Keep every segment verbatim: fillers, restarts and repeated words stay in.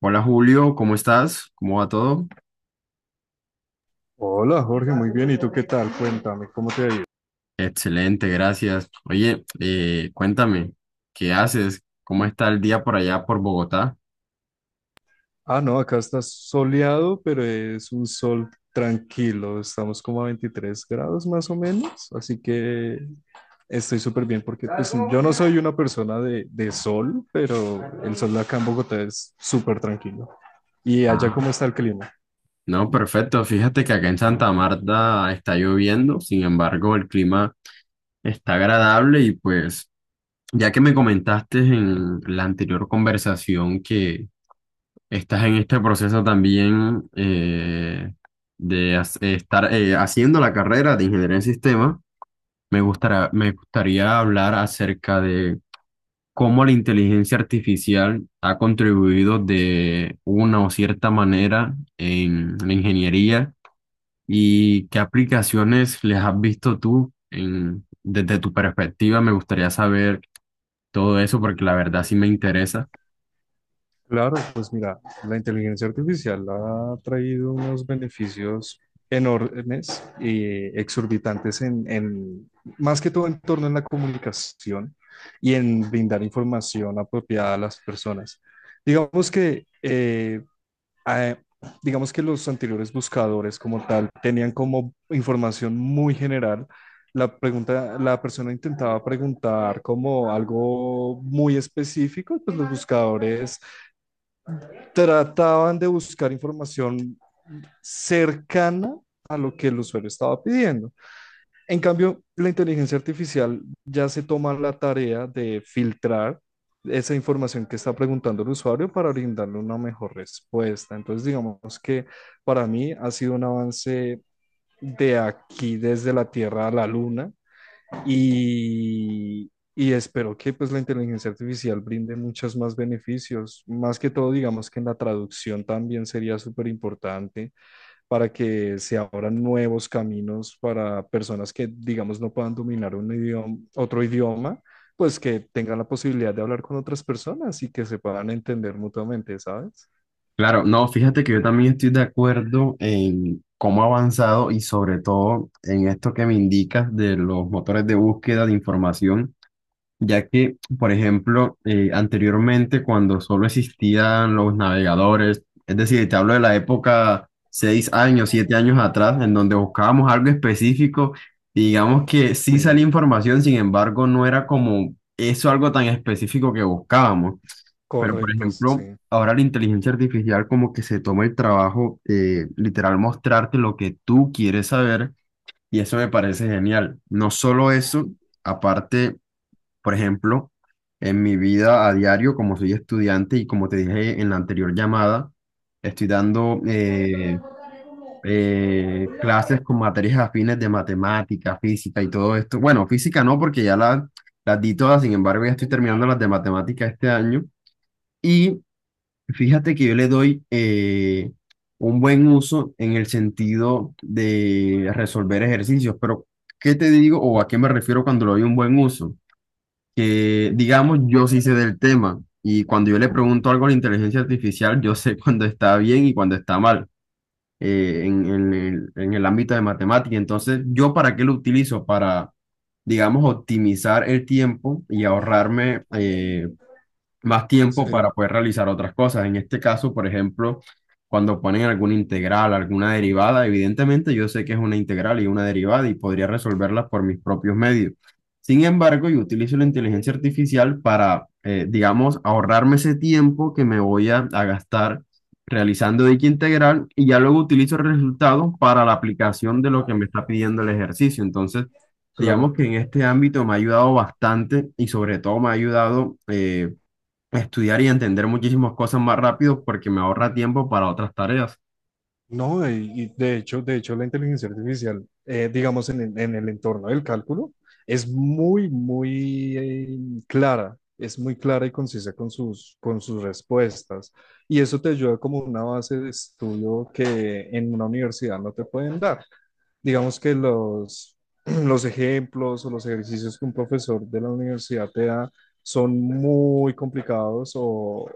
Hola Julio, ¿cómo estás? ¿Cómo va todo? Hola Jorge, muy bien. ¿Y tú qué tal? Cuéntame, ¿cómo te ha ido? Excelente, gracias. Oye, eh, cuéntame, ¿qué haces? ¿Cómo está el día por allá por Bogotá? Ah, no, acá está soleado, pero es un sol tranquilo. Estamos como a veintitrés grados más o menos, así que estoy súper bien porque pues, yo no soy una persona de, de sol, pero el sol acá en Bogotá es súper tranquilo. ¿Y allá Ah. cómo está el clima? No, perfecto. Fíjate que acá en Santa Marta está lloviendo, sin embargo, el clima está agradable y pues, ya que me comentaste en la anterior conversación que estás en este proceso también eh, de hac- estar eh, haciendo la carrera de ingeniería en sistemas. Me gustará, me gustaría hablar acerca de cómo la inteligencia artificial ha contribuido de una o cierta manera en la ingeniería y qué aplicaciones les has visto tú en- desde tu perspectiva. Me gustaría saber todo eso porque la verdad sí me interesa. Claro, pues mira, la inteligencia artificial ha traído unos beneficios enormes y exorbitantes en, en- más que todo en torno a la comunicación y en brindar información apropiada a las personas. Digamos que, eh, a- digamos que los anteriores buscadores como tal tenían como información muy general. La pregunta, la persona intentaba preguntar como algo muy específico, pues los buscadores trataban de buscar información cercana a lo que el usuario estaba pidiendo. En cambio, la inteligencia artificial ya se toma la tarea de filtrar esa información que está preguntando el usuario para brindarle una mejor respuesta. Entonces, digamos que para mí ha sido un avance de aquí desde la Tierra a la Luna y, y espero que pues la inteligencia artificial brinde muchos más beneficios. Más que todo, digamos que en la traducción también sería súper importante para que se abran nuevos caminos para personas que, digamos, no puedan dominar un idioma, otro idioma, pues que tengan la posibilidad de hablar con otras personas y que se puedan entender mutuamente, ¿sabes? Claro, no, fíjate que yo también estoy de acuerdo en cómo ha avanzado y sobre todo en esto que me indicas de los motores de búsqueda de información ya que, por ejemplo, eh, anteriormente cuando solo existían los navegadores, es decir, te hablo de la época seis años, siete años atrás, en donde buscábamos algo específico, y digamos que sí salía Sí, información, sin embargo, no era como eso algo tan específico que buscábamos. Pero, por correcto, ejemplo, sí, ahora la inteligencia artificial como que se toma el trabajo, eh, literal, mostrarte lo que tú quieres saber, y eso me parece genial. No solo eso, aparte, por ejemplo, en mi vida a diario, como soy estudiante y como te dije en la anterior llamada, estoy dando eh, eh, clases con materias afines de matemática, física y todo esto. Bueno, física no, porque ya la- las di todas, sin embargo, ya estoy terminando las de matemática este año. Y fíjate que yo le doy, eh, un buen uso en el sentido de resolver ejercicios, pero ¿qué te digo o a qué me refiero cuando le doy un buen uso? Que, digamos, yo sí sé del tema y cuando yo le pregunto algo a la inteligencia artificial, yo sé cuando está bien y cuando está mal eh, en, en el, en el ámbito de matemática. Entonces, ¿yo para qué lo utilizo? Para, digamos, optimizar el tiempo y ahorrarme, eh, más tiempo para sí, poder realizar otras cosas. En este caso, por ejemplo, cuando ponen alguna integral, alguna derivada, evidentemente yo sé que es una integral y una derivada y podría resolverlas por mis propios medios. Sin embargo, yo utilizo la inteligencia artificial para, eh, digamos, ahorrarme ese tiempo que me voy a, a gastar realizando dicha integral y ya luego utilizo el resultado para la aplicación de lo que me está pidiendo el ejercicio. Entonces, digamos claro. que en este ámbito me ha ayudado bastante y sobre todo me ha ayudado, eh, estudiar y entender muchísimas cosas más rápido porque me ahorra tiempo para otras tareas. No, y, y de hecho, de hecho, la inteligencia artificial, eh, digamos, en, el en el entorno del cálculo, es muy, muy eh, clara, es muy clara y concisa con sus, con sus respuestas. Y eso te ayuda como una base de estudio que en una universidad no te pueden dar digamos que los, los ejemplos o los ejercicios que un profesor de la universidad te da son muy complicados o,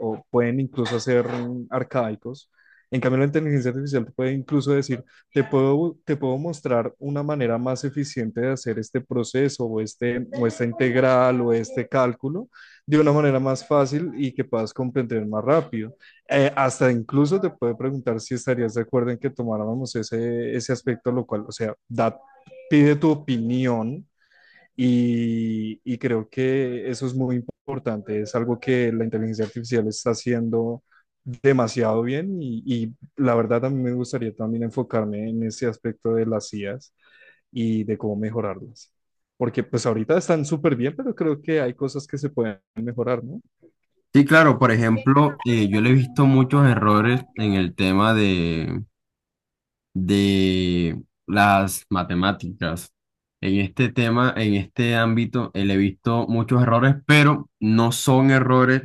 o pueden incluso ser arcaicos. En cambio, la inteligencia artificial te puede incluso decir, te puedo, te puedo mostrar una manera más eficiente de hacer este proceso o, este, o esta integral o este cálculo de una manera más fácil y que puedas comprender más rápido. Eh, hasta incluso te puede preguntar si estarías de acuerdo en que tomáramos ese, ese aspecto, lo cual, o sea, da, pide tu opinión y, y creo que eso es muy importante. Es algo que la inteligencia artificial está haciendo demasiado bien y, y la verdad a mí me gustaría también enfocarme en ese aspecto de las I As y de cómo mejorarlas. Porque pues ahorita están súper bien, pero creo que hay cosas que se pueden mejorar, ¿no? Sí, claro, por ejemplo, eh, yo le he visto muchos errores en el tema de, de las matemáticas. En este tema, en este ámbito, eh, le he visto muchos errores, pero no son errores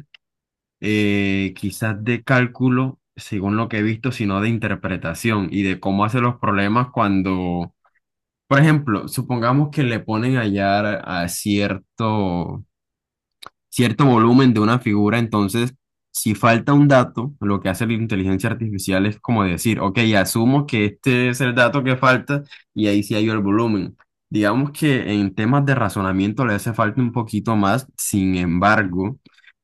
eh, quizás de cálculo, según lo que he visto, sino de interpretación y de cómo hace los problemas cuando Por ejemplo, supongamos que le ponen a hallar a cierto, cierto volumen de una figura, entonces, si falta un dato, lo que hace la inteligencia artificial es como decir, ok, asumo que este es el dato que falta y ahí sí hay el volumen. Digamos que en temas de razonamiento le hace falta un poquito más, sin embargo,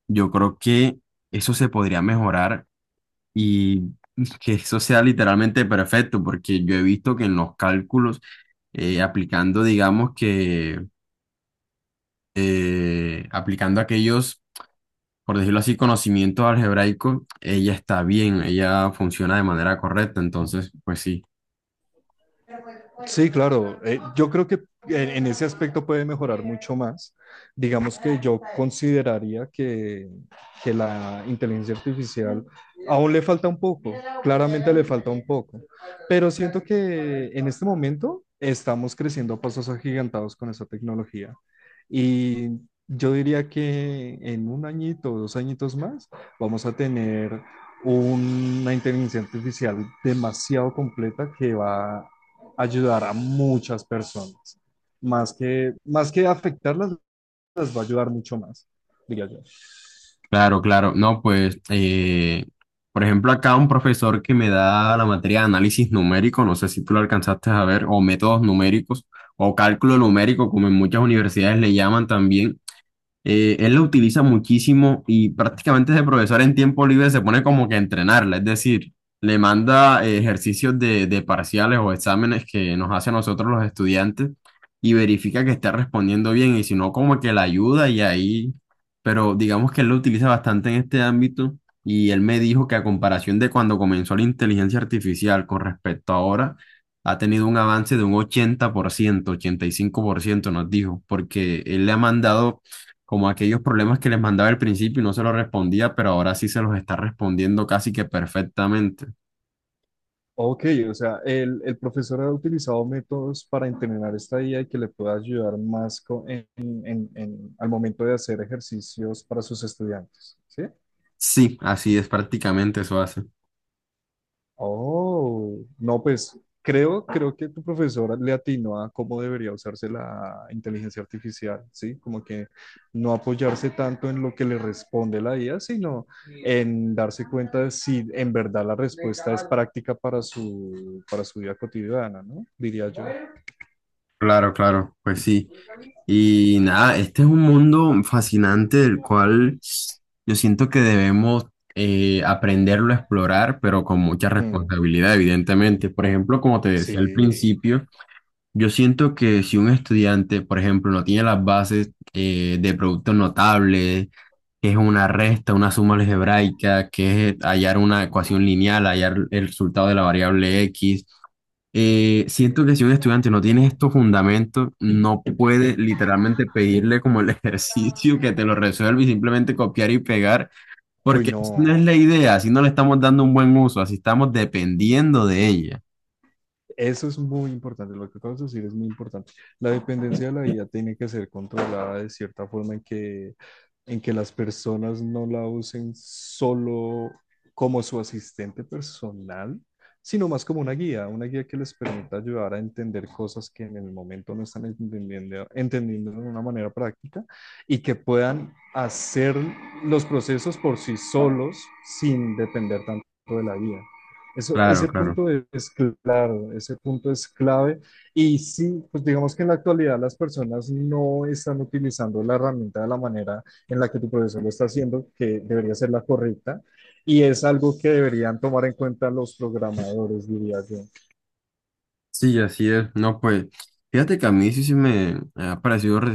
yo creo que eso se podría mejorar y que eso sea literalmente perfecto, porque yo he visto que en los cálculos, eh, aplicando, digamos que, eh, aplicando aquellos, por decirlo así, conocimientos algebraicos, ella está bien, ella funciona de manera correcta. Entonces, pues sí, Sí, claro. Eh, yo creo que en, en ese aspecto puede mejorar mucho más. Digamos que yo consideraría que, que la inteligencia artificial aún le falta un poco, claramente le falta un poco, pero siento que en este momento estamos creciendo a pasos agigantados con esa tecnología y yo diría que en un añito o dos añitos más vamos a tener una inteligencia artificial demasiado completa que va ayudar a muchas personas. Más que, más que afectarlas, las va a ayudar mucho más, diría yo. claro, claro, no, pues, eh, por ejemplo, acá un profesor que me da la materia de análisis numérico, no sé si tú lo alcanzaste a ver, o métodos numéricos, o cálculo numérico, como en muchas universidades le llaman también. Eh, él la utiliza muchísimo y prácticamente ese profesor en tiempo libre se pone como que a entrenarla, es decir, le manda, eh, ejercicios de, de parciales o exámenes que nos hace a nosotros los estudiantes y verifica que esté respondiendo bien y si no, como que la ayuda y ahí, pero digamos que él lo utiliza bastante en este ámbito y él me dijo que a comparación de cuando comenzó la inteligencia artificial con respecto a ahora, ha tenido un avance de un ochenta ochenta por ciento, ochenta y cinco por ciento nos dijo, porque él le ha mandado como aquellos problemas que les mandaba al principio y no se los respondía, pero ahora sí se los está respondiendo casi que perfectamente. Ok, o sea, el, el profesor ha utilizado métodos para entrenar esta I A y que le pueda ayudar más co- en, en- en- al momento de hacer ejercicios para sus estudiantes, ¿sí? Sí, así es, prácticamente eso hace. Oh, no, pues creo, creo que tu profesora le atinó a cómo debería usarse la inteligencia artificial, ¿sí? Como que no apoyarse tanto en lo que le responde la I A, sino en darse cuenta de si en verdad la respuesta es práctica para su, para su vida cotidiana, ¿no? Diría yo. Claro, claro, pues sí. Y nada, este es un mundo fascinante del cual yo siento que debemos, eh, aprenderlo a explorar, pero con mucha Mm, responsabilidad, evidentemente. Por ejemplo, como te decía al sí, principio, yo siento que si un estudiante, por ejemplo, no tiene las bases, eh, de productos notables, que es una resta, una suma algebraica, que es hallar una ecuación lineal, hallar el resultado de la variable equis, eh, siento sí. que si un estudiante no tiene estos fundamentos, no puede literalmente pedirle como el ejercicio que te lo resuelva y simplemente copiar y pegar, Uy, porque esa no no, es la idea, así no le estamos dando un buen uso, así estamos dependiendo de ella. eso es muy importante, lo que acabas de decir es muy importante. La dependencia de la I A tiene que ser controlada de cierta forma en que, en que las personas no la usen solo como su asistente personal, sino más como una guía, una guía que les permita ayudar a entender cosas que en el momento no están entendiendo, entendiendo de una manera práctica y que puedan hacer los procesos por sí solos sin depender tanto de la guía. Eso, Claro, ese claro. punto es claro, ese punto es clave. Y sí, pues digamos que en la actualidad las personas no están utilizando la herramienta de la manera en la que tu profesor lo está haciendo, que debería ser la correcta, y es algo que deberían tomar en cuenta los programadores, diría yo. Sí, así es. No, pues, fíjate que a mí sí, sí me ha parecido re-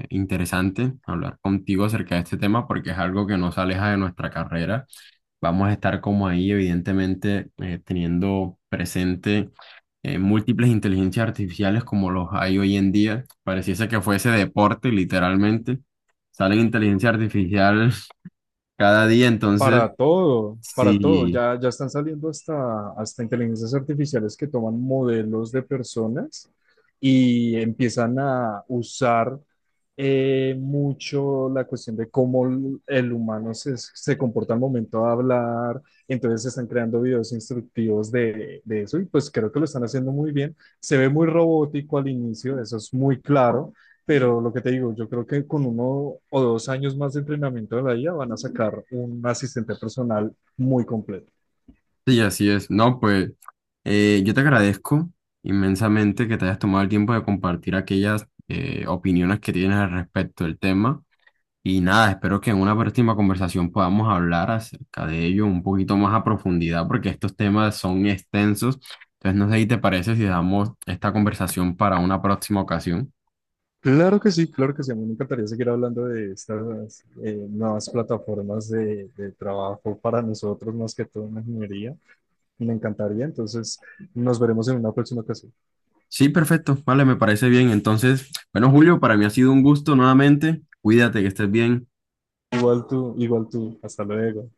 eh, interesante hablar contigo acerca de este tema porque es algo que nos aleja de nuestra carrera. Vamos a estar como ahí, evidentemente, eh, teniendo presente, eh, múltiples inteligencias artificiales como los hay hoy en día. Pareciese que fuese deporte, literalmente. Salen inteligencia artificial cada día, entonces, Para todo, para todo. sí, Ya, ya están saliendo hasta, hasta inteligencias artificiales que toman modelos de personas y empiezan a usar eh, mucho la cuestión de cómo el el humano se, se comporta al momento de hablar. Entonces se están creando videos instructivos de, de eso y pues creo que lo están haciendo muy bien. Se ve muy robótico al inicio, eso es muy claro pero lo que te digo, yo creo que con uno o dos años más de entrenamiento de la I A van a sacar un asistente personal muy completo. sí, así es. No, pues. Eh, yo te agradezco inmensamente que te hayas tomado el tiempo de compartir aquellas, eh, opiniones que tienes al respecto del tema. Y nada, espero que en una próxima conversación podamos hablar acerca de ello un poquito más a profundidad, porque estos temas son extensos. Entonces, no sé si te parece si damos esta conversación para una próxima ocasión. Claro que sí, claro que sí. A mí me encantaría seguir hablando de estas eh, nuevas plataformas de, de trabajo para nosotros, más que todo en la ingeniería. Me encantaría. Entonces, nos veremos en una próxima ocasión. Sí, perfecto. Vale, me parece bien. Entonces, bueno, Julio, para mí ha sido un gusto nuevamente. Cuídate, que estés bien. Igual tú, igual tú. Hasta luego.